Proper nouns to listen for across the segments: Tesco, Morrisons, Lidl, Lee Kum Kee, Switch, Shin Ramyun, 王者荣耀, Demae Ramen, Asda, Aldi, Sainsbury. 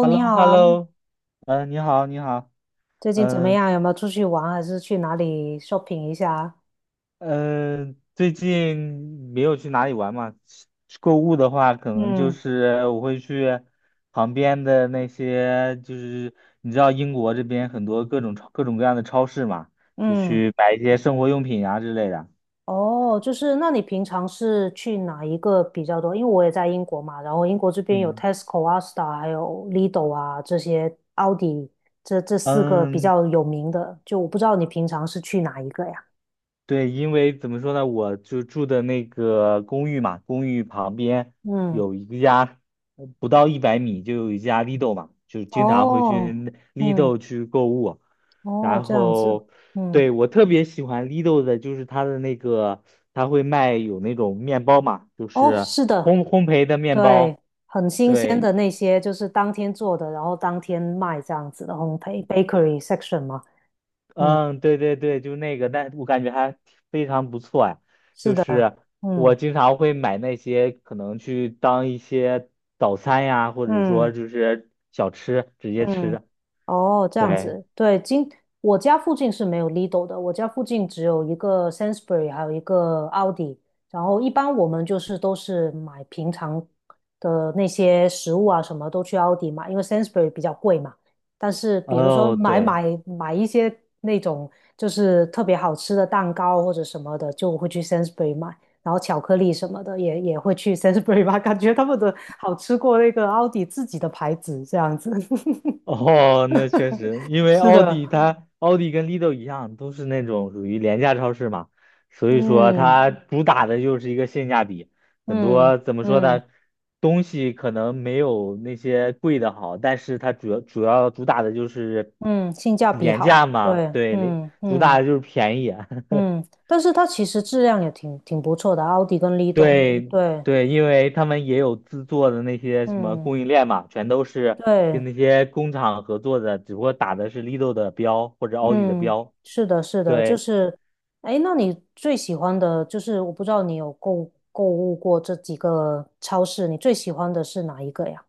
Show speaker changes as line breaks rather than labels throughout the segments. h e l l
你
o
好
h e l l
啊，
o 你好，你好，
最近怎么
嗯、
样？有没有出去玩，还是去哪里 shopping 一下啊？
呃最近没有去哪里玩嘛？去购物的话，可能就
嗯
是我会去旁边的那些，就是你知道英国这边很多各种各种各样的超市嘛，就
嗯。
去买一些生活用品啊之类的。
哦，就是那你平常是去哪一个比较多？因为我也在英国嘛，然后英国这边有
嗯
Tesco 啊、Asda 还有 Lidl 啊这些，a u d 迪这四个比
嗯，
较有名的，就我不知道你平常是去哪一个呀？
对，因为怎么说呢，我就住的那个公寓嘛，公寓旁边
嗯，
有一家，不到100米就有一家 Lidl 嘛，就经常会去
哦，嗯，
Lidl 去购物。
哦，
然
这样子，
后，
嗯，
对，我特别喜欢 Lidl 的，就是它的那个，他会卖有那种面包嘛，就
哦，
是
是的。
烘焙的面包，
对，很新鲜
对。
的那些，就是当天做的，然后当天卖这样子的烘焙 bakery section 嘛。嗯，
嗯，对对对，就那个，但我感觉还非常不错呀。
是
就
的，
是我
嗯
经常会买那些，可能去当一些早餐呀，或者说
嗯。
就是小吃直接
嗯，
吃。
哦，这样
对，
子，对，我家附近是没有 Lidl 的，我家附近只有一个 Sainsbury,还有一个奥迪。然后一般我们就是都是买平常的那些食物啊，什么都去奥迪买，因为 Sainsbury 比较贵嘛。但是比如说
哦，
买
对。
买买一些那种就是特别好吃的蛋糕或者什么的，就会去 Sainsbury 买。然后巧克力什么的也会去 Sainsbury 吧，感觉他们的好吃过那个奥迪自己的牌子这样子。
哦，那确实，因为
是的，
奥迪跟 Lidl 一样，都是那种属于廉价超市嘛，所以说
嗯
它主打的就是一个性价比，很
嗯
多怎么说
嗯
呢，东西可能没有那些贵的好，但是它主要主打的就是
嗯，性价比
廉
好，
价嘛，
对，
对，
嗯
主
嗯
打的就是便宜。
嗯。但是它其实质量也挺不错的，奥迪跟 Lido,
对
对，
对，因为他们也有自做的那些什么
嗯
供应链嘛，全都是
对，
跟那些工厂合作的，只不过打的是 Lido 的标或者奥迪的
嗯，
标。
是的，是的，就
对，
是。哎，那你最喜欢的就是，我不知道你有购物过这几个超市，你最喜欢的是哪一个呀？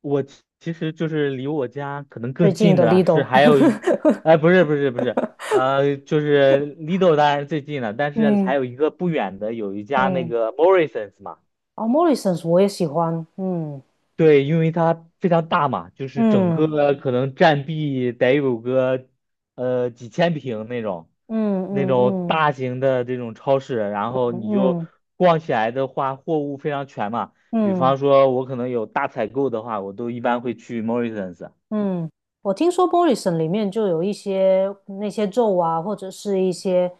我其实就是离我家可能
最
更
近
近
的
的是
Lido。
还有一，哎，不是不是不是，就是 Lido 当然是最近了，但 是还
嗯
有一个不远的有一家那
嗯，
个 Morrisons 嘛。
哦，Morrisons 我也喜欢，嗯。
对，因为它非常大嘛，就是整
嗯
个可能占地得有个几千平那种，
嗯
那种
嗯
大
嗯
型的这种超市，然后你就
嗯
逛起来的话，货物非常全嘛。比
嗯
方说，我可能有大采购的话，我都一般会去 Morrisons。
嗯，我听说 m o r i s o n 里面就有一些那些肉啊，或者是一些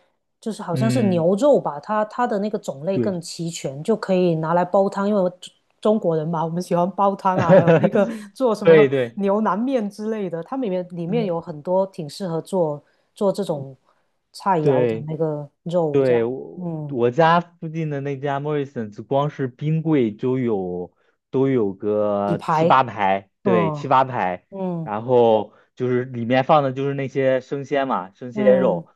就是好像是
嗯，
牛肉吧，它的那个种类更
对，
齐全，就可以拿来煲汤。因为我中国人嘛，我们喜欢煲汤啊，还有那个 做什么
对对，
牛腩面之类的，它里面
嗯，
有很多挺适合做这种菜肴的
对。
那个肉，这样，嗯，
我家附近的那家 Morrisons，光是冰柜都有
底
个七
排，
八排，对，
嗯
七八排。
嗯
然后就是里面放的就是那些生鲜嘛，生鲜
嗯
肉，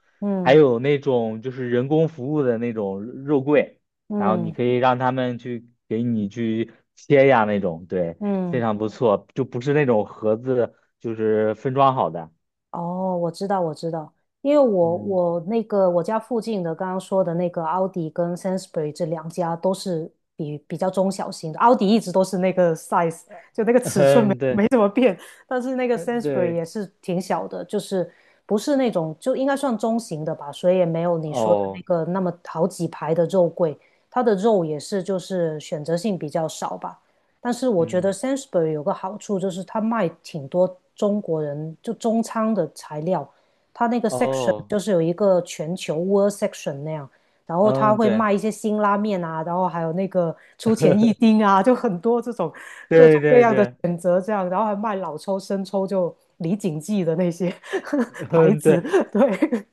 还
嗯
有那种就是人工服务的那种肉柜，然后
嗯
你
嗯。
可以让他们去给你去切呀那种，对，非
嗯，
常不错，就不是那种盒子，就是分装好的。
哦，我知道，我知道，因为我
嗯
我那个我家附近的刚刚说的那个奥迪跟 Sainsbury 这两家都是比较中小型的，奥迪一直都是那个 size,就那个 尺寸没
嗯，对，
没怎么变，但是那个
嗯
Sainsbury
对，
也是挺小的，就是不是那种就应该算中型的吧，所以也没有你说的那
哦，
个那么好几排的肉桂，它的肉也是就是选择性比较少吧。但是我觉得
嗯
s a n s b u r y 有个好处就是它卖挺多中国人就中餐的材料，它那个 section
哦。
就是有一个全球 world section 那样，然后它
嗯，
会
对，
卖一些辛拉面啊，然后还有那个出前一丁啊，就很多这种各
对对对，
这样，然后还卖老抽、生抽，就李锦记的那些 牌
嗯，
子，
对
对，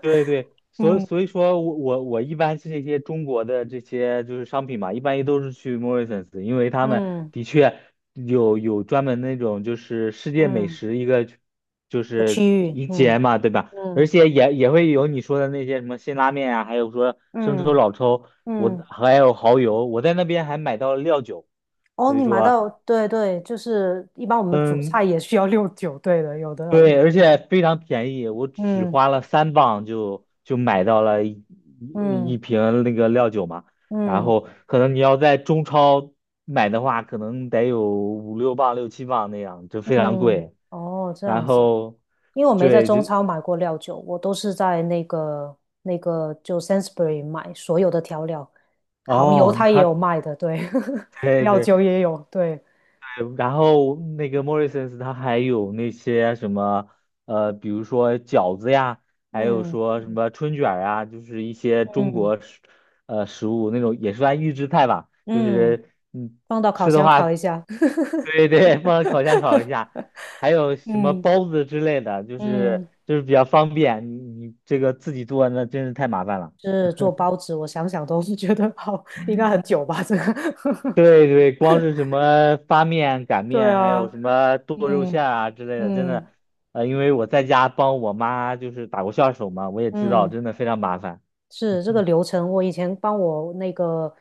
对对，所以
嗯
所以说我一般是这些中国的这些就是商品嘛，一般都是去 Morrisons，因为他们
嗯
的确有专门那种就是世界美
嗯
食一个就
的区
是
域，
一
嗯
节嘛，对吧？
嗯
而且也会有你说的那些什么辛拉面啊，还有说生抽、
嗯
老抽，我
嗯。
还有蚝油，我在那边还买到了料酒，
哦，
所以
你买
说。
到，对对，就是一般我们煮
嗯。
菜也需要六九，对的，有的有的。
对，而且非常便宜，我只
嗯
花了3磅就买到了
嗯
一瓶那个料酒嘛。然
嗯
后可能你要在中超买的话，可能得有五六磅、六七磅那样，就非常
嗯，
贵。
哦，这
然
样子，
后，
因为我没在
对，
中
就
超买过料酒，我都是在那个就 Sainsbury 买所有的调料，蚝油
哦，
它也
他
有卖的，对，
对
料酒
对，
也有，对，
然后那个 Morrisons 它还有那些什么，比如说饺子呀，还有
嗯
说什么春卷儿啊，就是一些中
嗯
国食物那种也算预制菜吧，就
嗯，
是
放到烤
吃的
箱烤一
话，
下。
对对，放烤箱烤一下，还有什么
嗯
包子之类的，
嗯，
就是比较方便，你这个自己做那真是太麻烦了。
是做包子，我想想都是觉得好，应该很久吧，这个。
对对，光是什么发面、擀
对
面，还有什
啊，
么剁肉
嗯
馅儿啊之类的，真
嗯
的，因为我在家帮我妈就是打过下手嘛，我也知道，
嗯，
真的非常麻烦。
是这个流程。我以前帮我那个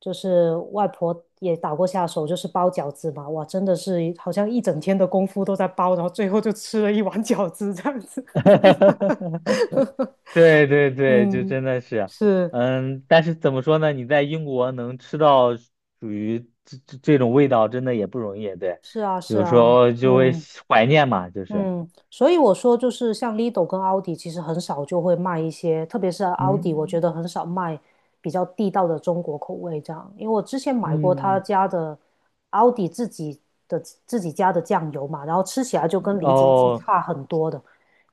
就是外婆也打过下手，就是包饺子嘛。哇，真的是好像一整天的功夫都在包，然后最后就吃了一碗饺子这样子。
对对对，就
嗯，
真的是，
是
嗯，但是怎么说呢？你在英国能吃到属于这种味道，真的也不容易。对，
是啊是
有时
啊，
候就会
嗯。
怀念嘛，就是，
嗯，所以我说就是像 Lido 跟奥迪，其实很少就会卖一些，特别是奥迪，我觉
嗯
得很少卖比较地道的中国口味这样。因为我之前买过他
嗯，
家的奥迪的自己家的酱油嘛，然后吃起来就跟李锦记
哦，
差很多的，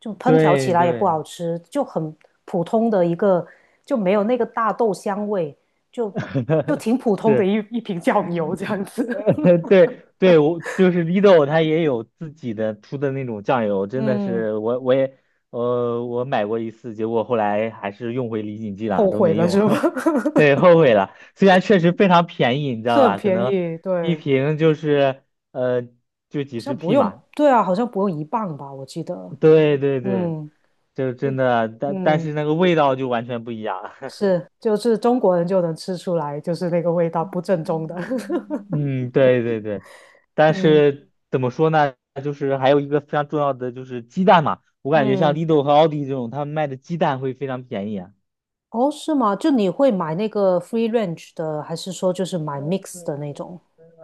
就烹调起
对
来也不
对。
好吃，就很普通的一个，就没有那个大豆香味，就 就挺普通的
是，
一瓶酱油这样子。
对对，我就是 Lido，它也有自己的出的那种酱油，真的
嗯，
是我买过一次，结果后来还是用回李锦记了，
后
都
悔
没
了是
用，
吧？
对，后悔了。虽然确实非常便宜，你知道
是很
吧？可
便
能
宜，
一
对，
瓶就是呃就
好
几十
像不
P
用，
嘛，
对啊，好像不用1磅吧，我记得，
对对对，
嗯，
就
就
真的，但
嗯，
是那个味道就完全不一样。
是，就是中国人就能吃出来，就是那个味道不正宗的。
嗯，对对对，但
嗯
是怎么说呢？就是还有一个非常重要的就是鸡蛋嘛，我感觉像
嗯，
Lidl 和奥迪这种，他们卖的鸡蛋会非常便宜啊。
哦，是吗？就你会买那个 free range 的，还是说就是买 mix 的那种？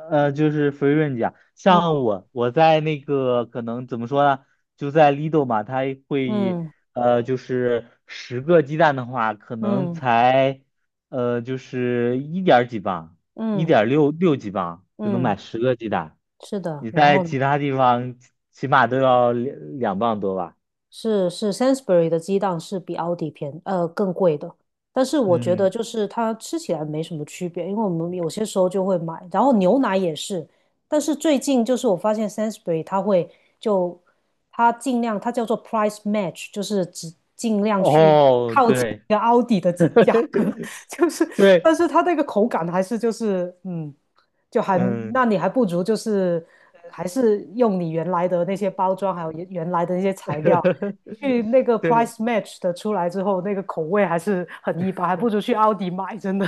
就是福润家，
嗯
我在那个可能怎么说呢？就在 Lidl 嘛，它会
嗯
就是十个鸡蛋的话，可能
嗯
才就是一点儿几磅，一
嗯
点六六几磅就能买
嗯，
十个鸡蛋。
是的。
你
然
在
后呢？
其他地方起码都要2磅多吧？
是 s a n s b u r y 的鸡蛋是比奥迪更贵的，但是我觉得
嗯，
就是它吃起来没什么区别，因为我们有些时候就会买，然后牛奶也是，但是最近就是我发现 s a n s b u r y 它会就它尽量它叫做 price match,就是只尽量去
哦，对，
个奥迪的 价格，就是，但
对，
是它那个口感还是就是，嗯，就还，
嗯，
那你还不如就是，还是用你原来的那些包装，还有原来的那些材料，去那个
对，
price match 的出来之后，那个口味还是很一般，还不如去奥迪买，真的。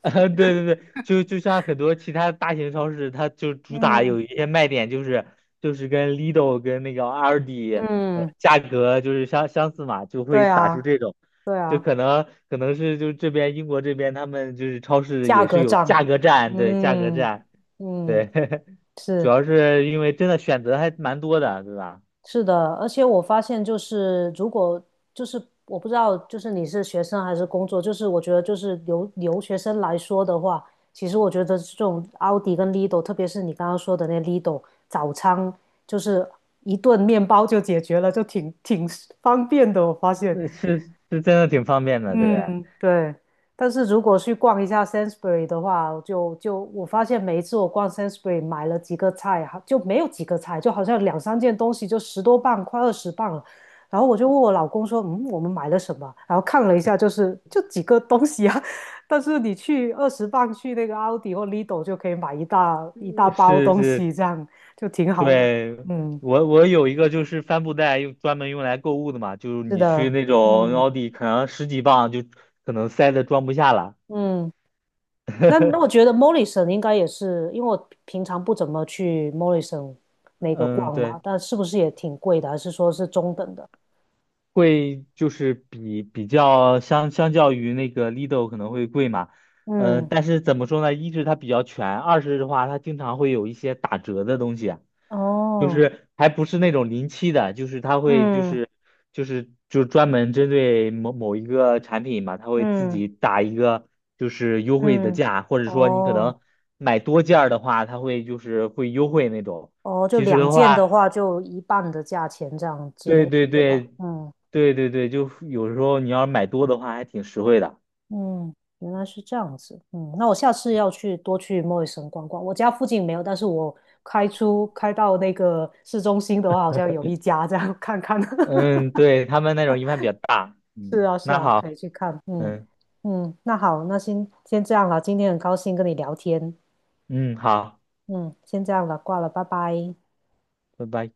啊，对对对，就像很多其他大型超市，它就主打
嗯
有一些卖点，就是跟 Lidl 跟那个 Aldi，
嗯，
价格就是相似嘛，就会
对
打出
啊，
这种，
对
就
啊，
可能是就这边英国这边他们就是超市
价
也是
格
有
战，
价格战，对价格
嗯
战，
嗯，
对，主
是。
要是因为真的选择还蛮多的，对吧？
是的，而且我发现就是，如果就是我不知道，就是你是学生还是工作，就是我觉得就是留学生来说的话，其实我觉得这种奥迪跟 Lidl,特别是你刚刚说的那 Lidl 早餐，就是一顿面包就解决了，就挺方便的。我发现，
那是真的挺方便的，对，
嗯，对。但是如果去逛一下 Sainsbury 的话，就我发现每一次我逛 Sainsbury 买了几个菜，哈就没有几个菜，就好像两三件东西就10多磅，快二十磅了。然后我就问我老公说："嗯，我们买了什么？"然后看了一下，就是就几个东西啊。但是你去20磅去那个奥迪或 Lidl 就可以买一大一大包
是
东
是
西，这样就挺好的。
对，
嗯，
我有一个就是帆布袋，用专门用来购物的嘛，就是
是
你去
的，
那种
嗯
奥迪，可能十几磅就可能塞的装不下了。
嗯。那我觉 得 Morrison 应该也是，因为我平常不怎么去 Morrison 那个
嗯，
逛
对。
嘛，但是不是也挺贵的，还是说是中等的？
会就是比较相较于那个 Lido 可能会贵嘛，
嗯，
但是怎么说呢？一是它比较全，二是的话它经常会有一些打折的东西啊就
哦，
是还不是那种临期的，就是它会
嗯
就专门针对某某一个产品嘛，它会自
嗯
己打一个就是优惠的
嗯，
价，或者说你可
哦
能买多件儿的话，它会就是会优惠那种。
哦，就
其实
两
的
件的
话。
话，就一半的价钱这样之类
对
的，
对
对吧？
对
嗯
对对对，就有时候你要是买多的话，还挺实惠的。
嗯，原来是这样子。嗯，那我下次要去多去 Morrison 逛逛。我家附近没有，但是我开到那个市中心的话，好像有一家，这样看看。
嗯，对，他们那种一般比较大。
是
嗯，
啊，是
那
啊，
好，
可以去看。嗯
嗯
嗯，那好，那先这样了。今天很高兴跟你聊天。
嗯，好，
嗯，先这样了，挂了，拜拜。
拜拜。